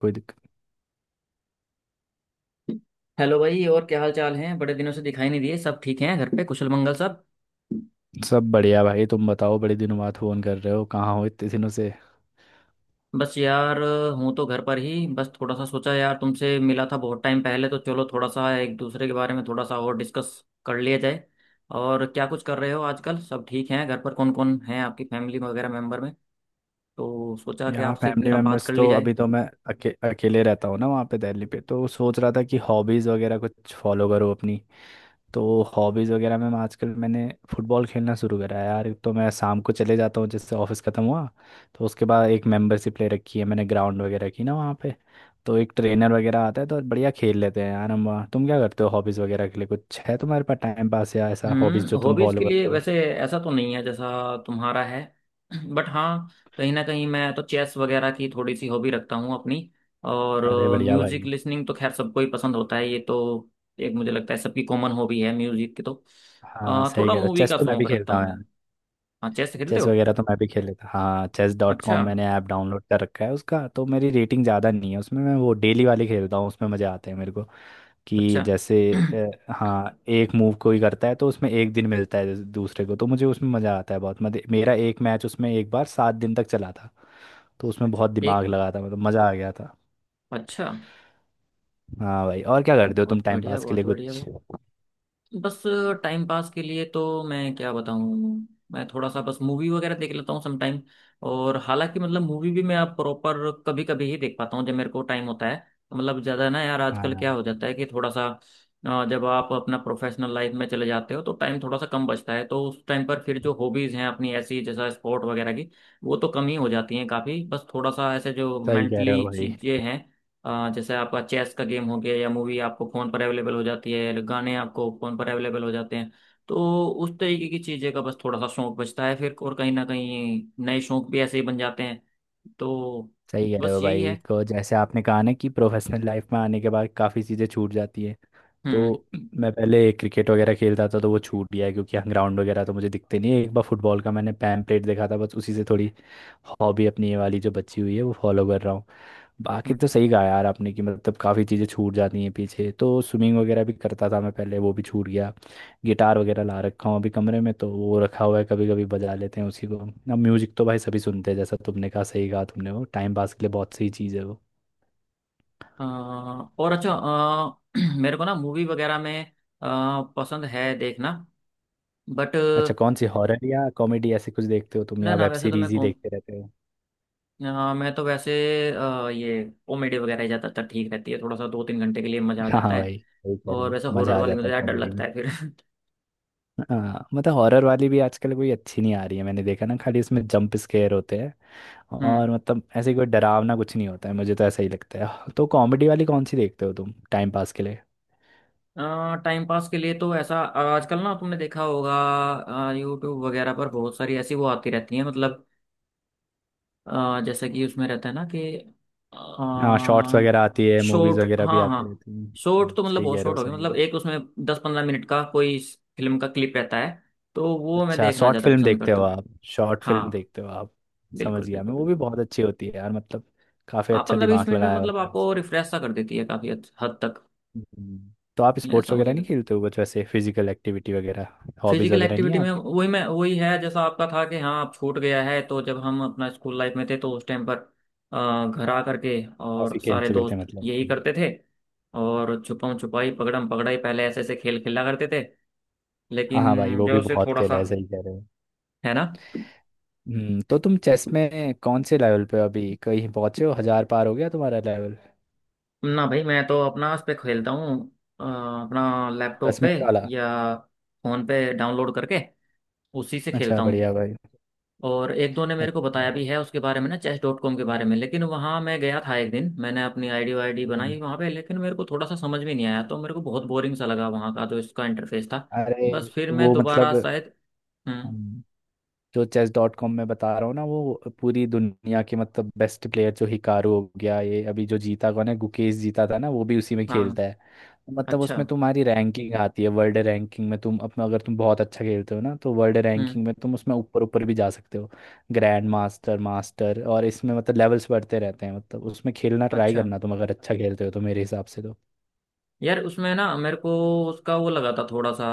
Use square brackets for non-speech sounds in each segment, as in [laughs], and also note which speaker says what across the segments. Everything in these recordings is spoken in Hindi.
Speaker 1: कोई दिक्कत।
Speaker 2: हेलो भाई, और क्या हाल चाल है? बड़े दिनों से दिखाई नहीं दिए। सब ठीक हैं घर पे? कुशल मंगल सब?
Speaker 1: सब बढ़िया भाई, तुम बताओ, बड़े दिनों बाद फोन कर रहे हो, कहाँ हो इतने दिनों से?
Speaker 2: बस यार, हूँ तो घर पर ही। बस थोड़ा सा सोचा, यार तुमसे मिला था बहुत टाइम पहले, तो चलो थोड़ा सा एक दूसरे के बारे में थोड़ा सा और डिस्कस कर लिया जाए। और क्या कुछ कर रहे हो आजकल? सब ठीक हैं घर पर? कौन कौन है आपकी फैमिली वगैरह मेंबर में? तो सोचा कि
Speaker 1: यहाँ
Speaker 2: आपसे
Speaker 1: फैमिली
Speaker 2: जरा बात
Speaker 1: मेम्बर्स
Speaker 2: कर ली
Speaker 1: तो
Speaker 2: जाए।
Speaker 1: अभी तो मैं अकेले रहता हूँ ना, वहाँ पे दिल्ली पे। तो सोच रहा था कि हॉबीज़ वगैरह कुछ फॉलो करो अपनी। तो हॉबीज़ वगैरह में मैं आजकल मैंने फुटबॉल खेलना शुरू करा है यार। तो मैं शाम को चले जाता हूँ, जिससे ऑफिस ख़त्म हुआ तो उसके बाद एक मेंबरशिप ले रखी है मैंने ग्राउंड वगैरह की ना वहाँ पे। तो एक ट्रेनर वगैरह आता है, तो बढ़िया खेल लेते हैं यार हम वहाँ। तुम क्या करते हो हॉबीज़ वगैरह के लिए? कुछ है तुम्हारे पास टाइम पास या ऐसा हॉबीज़ जो
Speaker 2: हम्म,
Speaker 1: तुम
Speaker 2: हॉबीज
Speaker 1: फॉलो
Speaker 2: के लिए
Speaker 1: करते हो?
Speaker 2: वैसे ऐसा तो नहीं है जैसा तुम्हारा है। [clears throat] बट हाँ, कहीं ना कहीं मैं तो चेस वगैरह की थोड़ी सी हॉबी रखता हूँ अपनी। और
Speaker 1: अरे बढ़िया भाई।
Speaker 2: म्यूजिक लिसनिंग तो खैर सबको ही पसंद होता है, ये तो एक मुझे लगता है सबकी कॉमन हॉबी है म्यूजिक की। तो
Speaker 1: हाँ सही
Speaker 2: थोड़ा
Speaker 1: कह रहे हो,
Speaker 2: मूवी
Speaker 1: चेस
Speaker 2: का
Speaker 1: तो मैं
Speaker 2: शौक
Speaker 1: भी
Speaker 2: रखता
Speaker 1: खेलता
Speaker 2: हूँ
Speaker 1: हूँ
Speaker 2: मैं।
Speaker 1: यार।
Speaker 2: हाँ, चेस खेलते
Speaker 1: चेस
Speaker 2: हो?
Speaker 1: वगैरह तो मैं भी खेल लेता हाँ। चेस डॉट
Speaker 2: अच्छा।
Speaker 1: कॉम मैंने ऐप डाउनलोड कर रखा है उसका, तो मेरी रेटिंग ज़्यादा नहीं है उसमें। मैं वो डेली वाले खेलता हूँ, उसमें मज़े आते हैं मेरे को
Speaker 2: अच्छा।
Speaker 1: कि जैसे
Speaker 2: [clears throat]
Speaker 1: हाँ एक मूव कोई करता है तो उसमें एक दिन मिलता है जैसे दूसरे को, तो मुझे उसमें मज़ा आता है बहुत। मजे, मेरा एक मैच उसमें एक बार 7 दिन तक चला था, तो उसमें बहुत
Speaker 2: एक
Speaker 1: दिमाग लगा था, मतलब मज़ा आ गया था।
Speaker 2: अच्छा।
Speaker 1: हाँ भाई, और क्या करते हो तुम
Speaker 2: बहुत
Speaker 1: टाइम
Speaker 2: बढ़िया,
Speaker 1: पास के लिए
Speaker 2: बहुत बढ़िया।
Speaker 1: कुछ?
Speaker 2: बस, टाइम पास के लिए तो मैं क्या बताऊँ। मैं थोड़ा सा बस मूवी वगैरह देख लेता हूँ समटाइम। और हालांकि मतलब मूवी भी मैं आप प्रॉपर कभी कभी ही देख पाता हूँ जब मेरे को टाइम होता है। तो मतलब ज़्यादा ना यार, आजकल
Speaker 1: हाँ
Speaker 2: क्या हो जाता है कि थोड़ा सा जब आप अपना प्रोफेशनल लाइफ में चले जाते हो तो टाइम थोड़ा सा कम बचता है, तो उस टाइम पर फिर जो हॉबीज़ हैं अपनी ऐसी जैसा स्पोर्ट वगैरह की, वो तो कम ही हो जाती हैं काफ़ी। बस थोड़ा सा ऐसे जो
Speaker 1: सही कह रहे हो
Speaker 2: मेंटली
Speaker 1: भाई।
Speaker 2: चीज़ें हैं, जैसे आपका चेस का गेम हो गया, या मूवी आपको फ़ोन पर अवेलेबल हो जाती है, गाने आपको फ़ोन पर अवेलेबल हो जाते हैं, तो उस तरीके की चीज़ें का बस थोड़ा सा शौक बचता है फिर। और कहीं ना कहीं नए शौक भी ऐसे ही बन जाते हैं। तो
Speaker 1: सही कह रहे
Speaker 2: बस
Speaker 1: हो
Speaker 2: यही
Speaker 1: भाई
Speaker 2: है।
Speaker 1: को, जैसे आपने कहा ना कि प्रोफेशनल लाइफ में आने के बाद काफ़ी चीज़ें छूट जाती है। तो
Speaker 2: हम्म।
Speaker 1: मैं पहले क्रिकेट वगैरह खेलता था, तो वो छूट गया है, क्योंकि यहाँ ग्राउंड वगैरह तो मुझे दिखते नहीं है। एक बार फुटबॉल का मैंने पैम्पलेट देखा था, बस उसी से थोड़ी हॉबी अपनी ये वाली जो बची हुई है वो फॉलो कर रहा हूँ। बाकी
Speaker 2: हम्म।
Speaker 1: तो सही कहा यार आपने कि मतलब काफ़ी चीज़ें छूट जाती हैं पीछे। तो स्विमिंग वगैरह भी करता था मैं पहले, वो भी छूट गया। गिटार वगैरह ला रखा हूँ अभी कमरे में, तो वो रखा हुआ है, कभी कभी बजा लेते हैं उसी को अब। म्यूजिक तो भाई सभी सुनते हैं, जैसा तुमने कहा, सही कहा तुमने, वो टाइम पास के लिए बहुत सही चीज़ है वो।
Speaker 2: अ, और अच्छा, [clears throat] मेरे को ना मूवी वगैरह में पसंद है देखना, बट
Speaker 1: अच्छा कौन सी, हॉरर या कॉमेडी, ऐसे कुछ देखते हो तुम
Speaker 2: ना
Speaker 1: या
Speaker 2: ना,
Speaker 1: वेब
Speaker 2: वैसे तो मैं
Speaker 1: सीरीज ही देखते रहते हो?
Speaker 2: मैं तो वैसे ये कॉमेडी वगैरह ही ज़्यादातर ठीक रहती है, थोड़ा सा 2-3 घंटे के लिए मज़ा आ
Speaker 1: हाँ हाँ
Speaker 2: जाता है।
Speaker 1: भाई, वही कह रहे
Speaker 2: और
Speaker 1: हैं,
Speaker 2: वैसा हॉरर
Speaker 1: मजा आ
Speaker 2: वाले में
Speaker 1: जाता
Speaker 2: तो
Speaker 1: है
Speaker 2: यार डर
Speaker 1: कॉमेडी में।
Speaker 2: लगता है फिर। [laughs]
Speaker 1: हाँ मतलब हॉरर वाली भी आजकल कोई अच्छी नहीं आ रही है, मैंने देखा ना, खाली इसमें जंप स्केयर होते हैं
Speaker 2: हम्म।
Speaker 1: और मतलब ऐसे कोई डरावना कुछ नहीं होता है, मुझे तो ऐसा ही लगता है। तो कॉमेडी वाली कौन सी देखते हो तुम टाइम पास के लिए?
Speaker 2: टाइम पास के लिए तो ऐसा, आजकल ना तुमने देखा होगा यूट्यूब वगैरह पर बहुत सारी ऐसी वो आती रहती है, मतलब जैसे कि उसमें रहता है ना कि
Speaker 1: हाँ शॉर्ट्स वगैरह आती है, मूवीज
Speaker 2: शॉर्ट,
Speaker 1: वगैरह भी
Speaker 2: हाँ हाँ।
Speaker 1: आती रहती हैं।
Speaker 2: शॉर्ट
Speaker 1: हाँ,
Speaker 2: तो मतलब
Speaker 1: सही
Speaker 2: बहुत
Speaker 1: कह रहे हो,
Speaker 2: शॉर्ट हो गया,
Speaker 1: सही कह रहे
Speaker 2: मतलब
Speaker 1: हो।
Speaker 2: एक उसमें 10-15 मिनट का कोई फिल्म का क्लिप रहता है, तो वो मैं
Speaker 1: अच्छा
Speaker 2: देखना
Speaker 1: शॉर्ट
Speaker 2: ज़्यादा
Speaker 1: फिल्म
Speaker 2: पसंद
Speaker 1: देखते हो
Speaker 2: करता हूँ।
Speaker 1: आप? शॉर्ट फिल्म
Speaker 2: हाँ,
Speaker 1: देखते हो आप?
Speaker 2: बिल्कुल
Speaker 1: समझ गया मैं,
Speaker 2: बिल्कुल
Speaker 1: वो भी
Speaker 2: बिल्कुल।
Speaker 1: बहुत अच्छी होती है यार, मतलब काफी
Speaker 2: हाँ,
Speaker 1: अच्छा
Speaker 2: पंद्रह बीस
Speaker 1: दिमाग
Speaker 2: मिनट में
Speaker 1: लगाया
Speaker 2: मतलब
Speaker 1: होता है।
Speaker 2: आपको रिफ्रेश सा कर देती है काफ़ी हद हद तक,
Speaker 1: हम्म। तो आप स्पोर्ट्स
Speaker 2: ऐसा मुझे
Speaker 1: वगैरह नहीं
Speaker 2: लगता है।
Speaker 1: खेलते हो, बस वैसे फिजिकल एक्टिविटी वगैरह हॉबीज
Speaker 2: फिजिकल
Speaker 1: वगैरह नहीं है
Speaker 2: एक्टिविटी में
Speaker 1: आपकी?
Speaker 2: वही, मैं वही है जैसा आपका था कि हाँ आप छूट गया है। तो जब हम अपना स्कूल लाइफ में थे तो उस टाइम पर घर आ करके और
Speaker 1: काफी खेल
Speaker 2: सारे
Speaker 1: चुके थे
Speaker 2: दोस्त
Speaker 1: मतलब।
Speaker 2: यही
Speaker 1: हम्म।
Speaker 2: करते थे, और छुपम छुपाई, पकड़म पकड़ाई, पहले ऐसे ऐसे खेल खेला करते थे।
Speaker 1: हाँ हाँ भाई,
Speaker 2: लेकिन
Speaker 1: वो
Speaker 2: जो
Speaker 1: भी
Speaker 2: उसे
Speaker 1: बहुत
Speaker 2: थोड़ा
Speaker 1: खेला
Speaker 2: सा
Speaker 1: है, सही कह रहे हो।
Speaker 2: है ना।
Speaker 1: हम्म, तो तुम चेस में कौन से लेवल पे हो अभी? कहीं पहुंचे हो, 1000 पार हो गया तुम्हारा लेवल?
Speaker 2: ना भाई, मैं तो अपना उस पे खेलता हूँ, अपना लैपटॉप
Speaker 1: दस
Speaker 2: पे
Speaker 1: मिनट वाला
Speaker 2: या फोन पे डाउनलोड करके, उसी से
Speaker 1: अच्छा
Speaker 2: खेलता हूँ।
Speaker 1: बढ़िया भाई।
Speaker 2: और एक दो ने मेरे को बताया
Speaker 1: अच्छा।
Speaker 2: भी है उसके बारे में ना, चेस डॉट कॉम के बारे में। लेकिन वहाँ मैं गया था एक दिन, मैंने अपनी आईडी वाईडी
Speaker 1: हम्म,
Speaker 2: बनाई वहाँ पे, लेकिन मेरे को थोड़ा सा समझ में नहीं आया, तो मेरे को बहुत बोरिंग सा लगा वहाँ का जो इसका इंटरफेस था।
Speaker 1: अरे
Speaker 2: बस फिर मैं
Speaker 1: वो
Speaker 2: दोबारा
Speaker 1: मतलब
Speaker 2: शायद। हम्म।
Speaker 1: हम्म, जो चेस डॉट कॉम में बता रहा हूँ ना, वो पूरी दुनिया के मतलब बेस्ट प्लेयर जो हिकारू हो गया, ये अभी जो जीता कौन है, गुकेश जीता था ना, वो भी उसी में
Speaker 2: हाँ।
Speaker 1: खेलता है। मतलब
Speaker 2: अच्छा।
Speaker 1: उसमें तुम्हारी रैंकिंग आती है, वर्ल्ड रैंकिंग में तुम अपना, अगर तुम बहुत अच्छा खेलते हो ना, तो वर्ल्ड
Speaker 2: हम्म।
Speaker 1: रैंकिंग में तुम उसमें ऊपर ऊपर भी जा सकते हो। ग्रैंड मास्टर, मास्टर, और इसमें मतलब लेवल्स बढ़ते रहते हैं। मतलब उसमें खेलना, ट्राई
Speaker 2: अच्छा।
Speaker 1: करना, तुम अगर अच्छा खेलते हो तो मेरे हिसाब से तो।
Speaker 2: यार उसमें ना मेरे को उसका वो लगा था थोड़ा सा,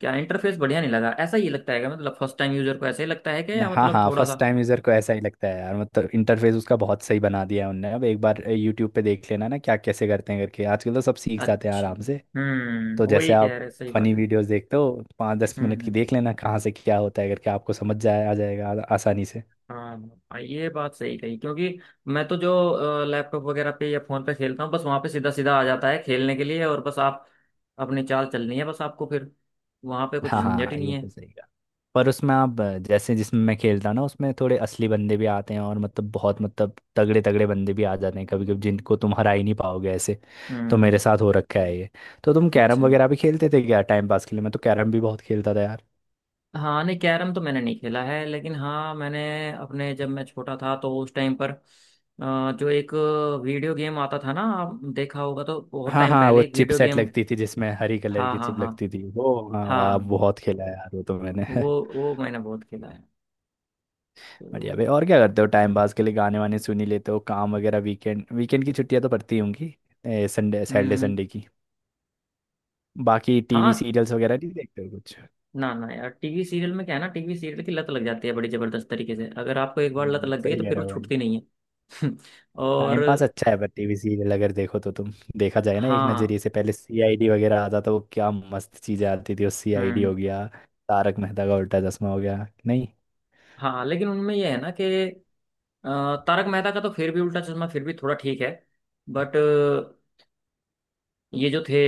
Speaker 2: क्या इंटरफेस बढ़िया नहीं लगा, ऐसा ही लगता है क्या? मतलब फर्स्ट टाइम यूजर को ऐसा ही लगता है क्या, या
Speaker 1: हाँ
Speaker 2: मतलब
Speaker 1: हाँ,
Speaker 2: थोड़ा सा।
Speaker 1: फर्स्ट टाइम यूजर को ऐसा ही लगता है यार, मतलब इंटरफेस उसका बहुत सही बना दिया है उनने। अब एक बार यूट्यूब पे देख लेना ना क्या कैसे करते हैं करके, आजकल तो सब सीख जाते हैं
Speaker 2: अच्छा।
Speaker 1: आराम से। तो
Speaker 2: हम्म,
Speaker 1: जैसे
Speaker 2: वही कह
Speaker 1: आप
Speaker 2: रहे, सही
Speaker 1: फनी
Speaker 2: बात है।
Speaker 1: वीडियोस देखते हो, पाँच दस
Speaker 2: हम्म। हम्म।
Speaker 1: मिनट की देख लेना कहाँ से क्या होता है करके, आपको समझ जाए, आ जाएगा आसानी से।
Speaker 2: हाँ, ये बात सही कही क्योंकि मैं तो जो लैपटॉप वगैरह पे या फोन पे खेलता हूँ, बस वहां पे सीधा सीधा आ जाता है खेलने के लिए, और बस आप अपनी चाल चलनी है बस आपको फिर, वहां पे कुछ
Speaker 1: हाँ
Speaker 2: झंझट ही
Speaker 1: हाँ
Speaker 2: नहीं
Speaker 1: ये
Speaker 2: है।
Speaker 1: तो सही। पर उसमें आप जैसे जिसमें मैं खेलता हूँ ना, उसमें थोड़े असली बंदे भी आते हैं और मतलब बहुत, मतलब तगड़े तगड़े बंदे भी आ जाते हैं कभी कभी, जिनको तुम हरा ही नहीं पाओगे ऐसे। तो मेरे
Speaker 2: हम्म।
Speaker 1: साथ हो रखा है ये। तो तुम
Speaker 2: अच्छा।
Speaker 1: कैरम वगैरह भी खेलते थे क्या टाइम पास के लिए? मैं तो कैरम भी बहुत खेलता था यार।
Speaker 2: हाँ, नहीं, कैरम तो मैंने नहीं खेला है, लेकिन हाँ मैंने अपने जब मैं छोटा था तो उस टाइम पर जो एक वीडियो गेम आता था ना, आप देखा होगा, तो बहुत
Speaker 1: हाँ
Speaker 2: टाइम
Speaker 1: हाँ, वो
Speaker 2: पहले एक
Speaker 1: चिप
Speaker 2: वीडियो
Speaker 1: सेट
Speaker 2: गेम।
Speaker 1: लगती थी, जिसमें हरी कलर
Speaker 2: हाँ
Speaker 1: की
Speaker 2: हाँ
Speaker 1: चिप
Speaker 2: हाँ।
Speaker 1: लगती थी वो, हाँ वाह,
Speaker 2: हाँ,
Speaker 1: बहुत खेला है यार वो तो मैंने
Speaker 2: वो
Speaker 1: [laughs]
Speaker 2: वो मैंने बहुत खेला है।
Speaker 1: बढ़िया
Speaker 2: तो
Speaker 1: भाई, और क्या करते हो टाइम पास के लिए? गाने वाने सुन ही लेते हो? काम वगैरह, वीकेंड, वीकेंड की छुट्टियां तो पड़ती होंगी, संडे, सैटरडे
Speaker 2: हम्म।
Speaker 1: संडे की। बाकी टीवी
Speaker 2: हाँ।
Speaker 1: सीरियल्स वगैरह नहीं देखते हो कुछ?
Speaker 2: ना ना यार, टीवी सीरियल में क्या है ना, टीवी सीरियल की लत लग जाती है बड़ी जबरदस्त तरीके से, अगर आपको एक बार लत लग गई
Speaker 1: सही
Speaker 2: तो
Speaker 1: कह
Speaker 2: फिर
Speaker 1: रहे
Speaker 2: वो
Speaker 1: हो भाई।
Speaker 2: छूटती नहीं है। [laughs] और
Speaker 1: टाइम पास अच्छा है पर टीवी सीरियल अगर देखो तो तुम, देखा जाए ना एक
Speaker 2: हाँ।
Speaker 1: नजरिए से, पहले सीआईडी वगैरह आता तो क्या मस्त चीजें आती थी। सीआईडी
Speaker 2: हम्म।
Speaker 1: हो गया, तारक मेहता का उल्टा चश्मा हो गया, नहीं?
Speaker 2: हाँ, लेकिन उनमें यह है ना कि तारक मेहता का तो फिर भी उल्टा चश्मा फिर भी थोड़ा ठीक है। बट ये जो थे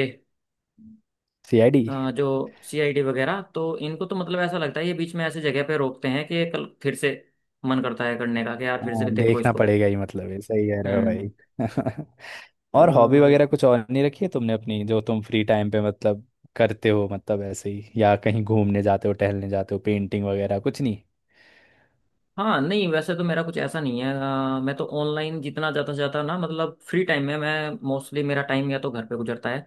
Speaker 1: सीआईडी,
Speaker 2: जो सीआईडी वगैरह, तो इनको तो मतलब ऐसा लगता है ये बीच में ऐसे जगह पे रोकते हैं कि कल फिर से मन करता है करने का कि यार फिर से
Speaker 1: हाँ
Speaker 2: भी देखो
Speaker 1: देखना
Speaker 2: इसको।
Speaker 1: पड़ेगा ही, मतलब है, सही कह रहे हो
Speaker 2: हम्म।
Speaker 1: भाई [laughs]
Speaker 2: तो
Speaker 1: और हॉबी वगैरह कुछ और नहीं रखी है तुमने अपनी जो तुम फ्री टाइम पे मतलब करते हो, मतलब ऐसे ही, या कहीं घूमने जाते हो, टहलने जाते हो, पेंटिंग वगैरह कुछ नहीं?
Speaker 2: हाँ, नहीं वैसे तो मेरा कुछ ऐसा नहीं है। मैं तो ऑनलाइन जितना ज़्यादा से ज़्यादा ना, मतलब फ्री टाइम में, मैं मोस्टली मेरा टाइम या तो घर पे गुजरता है,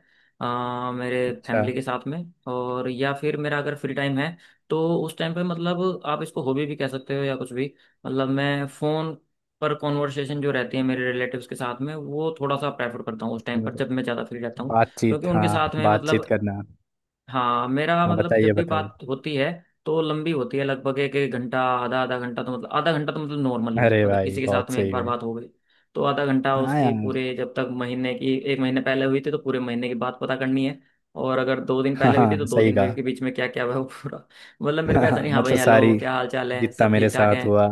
Speaker 2: मेरे
Speaker 1: अच्छा।
Speaker 2: फैमिली के साथ में। और या फिर मेरा अगर फ्री टाइम है, तो उस टाइम पे, मतलब आप इसको हॉबी भी कह सकते हो या कुछ भी, मतलब मैं फ़ोन पर कॉन्वर्सेशन जो रहती है मेरे रिलेटिव्स के साथ में, वो थोड़ा सा प्रेफर करता हूँ उस
Speaker 1: अच्छा
Speaker 2: टाइम पर
Speaker 1: मतलब
Speaker 2: जब मैं ज़्यादा फ्री रहता हूँ। क्योंकि
Speaker 1: बातचीत,
Speaker 2: उनके
Speaker 1: हाँ
Speaker 2: साथ में
Speaker 1: बातचीत
Speaker 2: मतलब,
Speaker 1: करना।
Speaker 2: हाँ मेरा
Speaker 1: हाँ
Speaker 2: मतलब जब
Speaker 1: बताइए,
Speaker 2: भी
Speaker 1: बताइए।
Speaker 2: बात होती है तो लंबी होती है, लगभग एक एक घंटा, आधा आधा घंटा, तो मतलब आधा घंटा तो मतलब नॉर्मल ही है
Speaker 1: अरे
Speaker 2: अगर
Speaker 1: भाई,
Speaker 2: किसी के साथ
Speaker 1: बहुत
Speaker 2: में एक
Speaker 1: सही
Speaker 2: बार
Speaker 1: भाई।
Speaker 2: बात हो गई तो। आधा घंटा
Speaker 1: हाँ
Speaker 2: उसकी
Speaker 1: यार।
Speaker 2: पूरे जब तक महीने की, एक महीने पहले हुई थी तो पूरे महीने की बात पता करनी है, और अगर 2 दिन
Speaker 1: हाँ
Speaker 2: पहले हुई थी तो
Speaker 1: हाँ
Speaker 2: दो
Speaker 1: सही
Speaker 2: दिन में
Speaker 1: कहा
Speaker 2: के बीच में क्या क्या हुआ [laughs] है वो पूरा। मतलब
Speaker 1: [laughs]
Speaker 2: मेरे को ऐसा
Speaker 1: हाँ,
Speaker 2: नहीं, हाँ भाई
Speaker 1: मतलब
Speaker 2: हेलो
Speaker 1: सारी,
Speaker 2: क्या हाल चाल है
Speaker 1: जितना
Speaker 2: सब
Speaker 1: मेरे
Speaker 2: ठीक ठाक है।
Speaker 1: साथ हुआ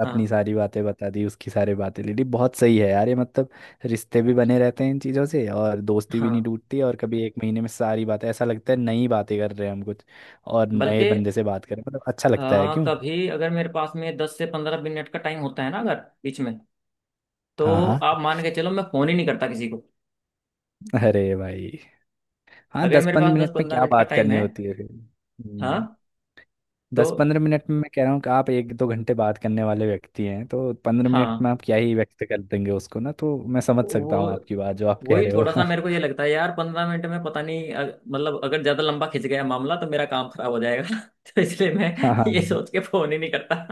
Speaker 1: अपनी
Speaker 2: हाँ
Speaker 1: सारी बातें बता दी, उसकी सारी बातें ले ली, बहुत सही है यार ये मतलब। रिश्ते भी बने रहते हैं इन चीज़ों से और दोस्ती भी नहीं
Speaker 2: हाँ।
Speaker 1: टूटती, और कभी 1 महीने में सारी बातें, ऐसा लगता है नई बातें कर रहे हैं हम कुछ और, नए
Speaker 2: बल्कि
Speaker 1: बंदे से बात कर रहे हैं, मतलब अच्छा लगता है क्यों।
Speaker 2: कभी अगर मेरे पास में 10 से 15 मिनट का टाइम होता है ना, अगर बीच में,
Speaker 1: हाँ
Speaker 2: तो
Speaker 1: हाँ।
Speaker 2: आप मान के चलो मैं फोन ही नहीं करता किसी को,
Speaker 1: अरे भाई, हाँ
Speaker 2: अगर
Speaker 1: दस
Speaker 2: मेरे पास
Speaker 1: पंद्रह
Speaker 2: दस
Speaker 1: मिनट में
Speaker 2: पंद्रह
Speaker 1: क्या
Speaker 2: मिनट का
Speaker 1: बात
Speaker 2: टाइम
Speaker 1: करनी
Speaker 2: है।
Speaker 1: होती है फिर। हम्म।
Speaker 2: हाँ। तो।
Speaker 1: 10 15 मिनट में मैं कह रहा हूँ कि आप 1 2 घंटे बात करने वाले व्यक्ति हैं, तो 15 मिनट
Speaker 2: हाँ।
Speaker 1: में आप क्या ही व्यक्त कर देंगे उसको। ना तो मैं समझ सकता हूँ
Speaker 2: वो
Speaker 1: आपकी बात जो आप कह
Speaker 2: वही
Speaker 1: रहे हो
Speaker 2: थोड़ा सा मेरे को ये
Speaker 1: [laughs]
Speaker 2: लगता है यार 15 मिनट में पता नहीं मतलब अगर ज्यादा लंबा खिंच गया मामला तो मेरा काम खराब हो जाएगा। [laughs] तो इसलिए मैं
Speaker 1: हाँ हाँ।
Speaker 2: ये सोच के फोन ही नहीं करता।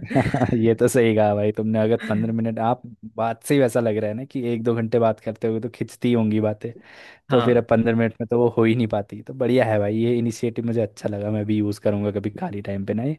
Speaker 1: [laughs] ये तो सही कहा भाई तुमने, अगर 15 मिनट आप, बात से ही वैसा लग रहा है ना कि 1 2 घंटे बात करते होगे, तो खिंचती होंगी बातें।
Speaker 2: [laughs]
Speaker 1: तो फिर अब
Speaker 2: हाँ
Speaker 1: 15 मिनट में तो वो हो ही नहीं पाती। तो बढ़िया है भाई ये इनिशिएटिव, मुझे अच्छा लगा, मैं भी यूज़ करूँगा कभी खाली टाइम पे ना ये,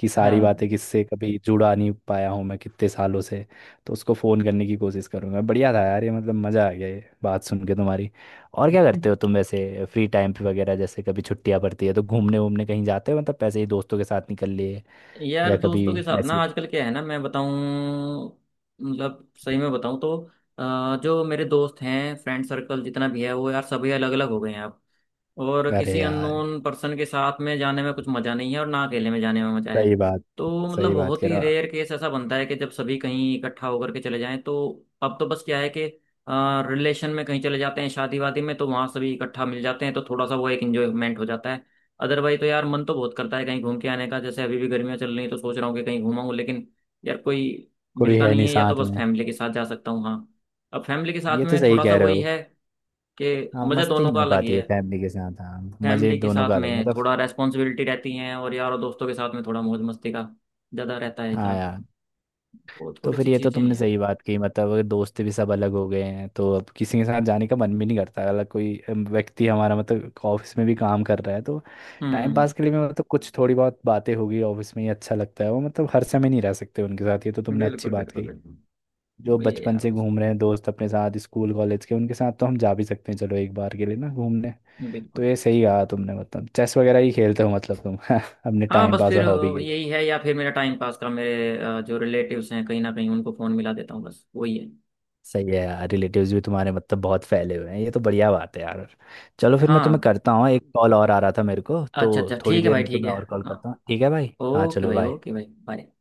Speaker 1: कि सारी
Speaker 2: हाँ।
Speaker 1: बातें, किससे कभी जुड़ा नहीं पाया हूँ मैं कितने सालों से, तो उसको फ़ोन करने की कोशिश करूँगा। बढ़िया था यार ये, मतलब मज़ा आ गया ये बात सुन के तुम्हारी। और क्या करते हो तुम वैसे फ्री टाइम पे वगैरह, जैसे कभी छुट्टियाँ पड़ती है तो घूमने वूमने कहीं जाते हो, मतलब पैसे ही दोस्तों के साथ निकल लिए,
Speaker 2: यार
Speaker 1: या कभी
Speaker 2: दोस्तों के साथ ना
Speaker 1: ऐसे?
Speaker 2: आजकल क्या है ना, मैं बताऊं मतलब सही में बताऊं तो, जो मेरे दोस्त हैं फ्रेंड सर्कल जितना भी है, वो यार सभी अलग अलग हो गए हैं अब। और
Speaker 1: अरे
Speaker 2: किसी
Speaker 1: यार,
Speaker 2: अननोन पर्सन के साथ में जाने में कुछ मज़ा नहीं है, और ना अकेले में जाने में मज़ा है।
Speaker 1: सही बात।
Speaker 2: तो मतलब
Speaker 1: सही बात
Speaker 2: बहुत
Speaker 1: कह
Speaker 2: ही
Speaker 1: रहा।
Speaker 2: रेयर केस ऐसा बनता है कि जब सभी कहीं इकट्ठा होकर के चले जाएं तो। अब तो बस क्या है कि रिलेशन में कहीं चले जाते हैं, शादी वादी में, तो वहाँ सभी इकट्ठा मिल जाते हैं, तो थोड़ा सा वो एक इंजॉयमेंट हो जाता है। अदरवाइज तो यार मन तो बहुत करता है कहीं घूम के आने का, जैसे अभी भी गर्मियाँ चल रही हैं तो सोच रहा हूँ कि कहीं घूमाऊँ, लेकिन यार कोई
Speaker 1: कोई
Speaker 2: मिलता
Speaker 1: है
Speaker 2: नहीं
Speaker 1: नहीं
Speaker 2: है, या तो
Speaker 1: साथ
Speaker 2: बस
Speaker 1: में।
Speaker 2: फैमिली के साथ जा सकता हूँ। हाँ, अब फैमिली के साथ
Speaker 1: ये तो
Speaker 2: में
Speaker 1: सही
Speaker 2: थोड़ा सा
Speaker 1: कह रहे
Speaker 2: वही
Speaker 1: हो।
Speaker 2: है कि
Speaker 1: हाँ
Speaker 2: मज़ा
Speaker 1: मस्ती
Speaker 2: दोनों
Speaker 1: नहीं
Speaker 2: का
Speaker 1: हो
Speaker 2: अलग ही
Speaker 1: पाती है
Speaker 2: है।
Speaker 1: फैमिली के साथ, हाँ मजे
Speaker 2: फैमिली के
Speaker 1: दोनों
Speaker 2: साथ
Speaker 1: का अलग
Speaker 2: में थोड़ा
Speaker 1: मतलब।
Speaker 2: रेस्पॉन्सिबिलिटी रहती हैं, और यार और दोस्तों के साथ में थोड़ा मौज मस्ती का ज़्यादा रहता है
Speaker 1: हाँ
Speaker 2: यार।
Speaker 1: यार।
Speaker 2: वो
Speaker 1: तो
Speaker 2: थोड़ी सी
Speaker 1: फिर ये तो
Speaker 2: चीज़ें हैं
Speaker 1: तुमने
Speaker 2: यार।
Speaker 1: सही बात कही, मतलब अगर दोस्त भी सब अलग हो गए हैं तो अब किसी के साथ जाने का मन भी नहीं करता। अलग कोई व्यक्ति हमारा, मतलब ऑफिस में भी काम कर रहा है तो टाइम
Speaker 2: हम्म।
Speaker 1: पास के लिए भी मतलब कुछ थोड़ी बहुत बातें होगी ऑफिस में ही, अच्छा लगता है वो, मतलब हर समय नहीं रह सकते उनके साथ। ये तो तुमने अच्छी
Speaker 2: बिल्कुल
Speaker 1: बात
Speaker 2: बिल्कुल
Speaker 1: कही।
Speaker 2: बिल्कुल।
Speaker 1: जो
Speaker 2: वही है
Speaker 1: बचपन
Speaker 2: यार
Speaker 1: से
Speaker 2: बस।
Speaker 1: घूम रहे हैं दोस्त अपने साथ, स्कूल कॉलेज के, उनके साथ तो हम जा भी सकते हैं, चलो एक बार के लिए ना घूमने। तो
Speaker 2: बिल्कुल।
Speaker 1: ये सही कहा तुमने, मतलब चेस वगैरह ही खेलते हो मतलब तुम [laughs] अपने
Speaker 2: हाँ,
Speaker 1: टाइम
Speaker 2: बस
Speaker 1: पास
Speaker 2: फिर
Speaker 1: और हॉबी के लिए।
Speaker 2: यही है, या फिर मेरा टाइम पास का, मेरे जो रिलेटिव्स हैं कहीं ना कहीं उनको फ़ोन मिला देता हूँ, बस वही है।
Speaker 1: सही है यार, रिलेटिव्स भी तुम्हारे मतलब बहुत फैले हुए हैं, ये तो बढ़िया बात है यार। चलो फिर मैं तुम्हें
Speaker 2: हाँ,
Speaker 1: करता हूँ एक कॉल, और आ रहा था मेरे को तो
Speaker 2: अच्छा अच्छा,
Speaker 1: थोड़ी
Speaker 2: ठीक है
Speaker 1: देर
Speaker 2: भाई,
Speaker 1: में
Speaker 2: ठीक
Speaker 1: तुम्हें
Speaker 2: है।
Speaker 1: और कॉल
Speaker 2: हाँ,
Speaker 1: करता हूँ। ठीक है भाई, हाँ
Speaker 2: ओके
Speaker 1: चलो
Speaker 2: भाई,
Speaker 1: बाय।
Speaker 2: ओके भाई, बाय।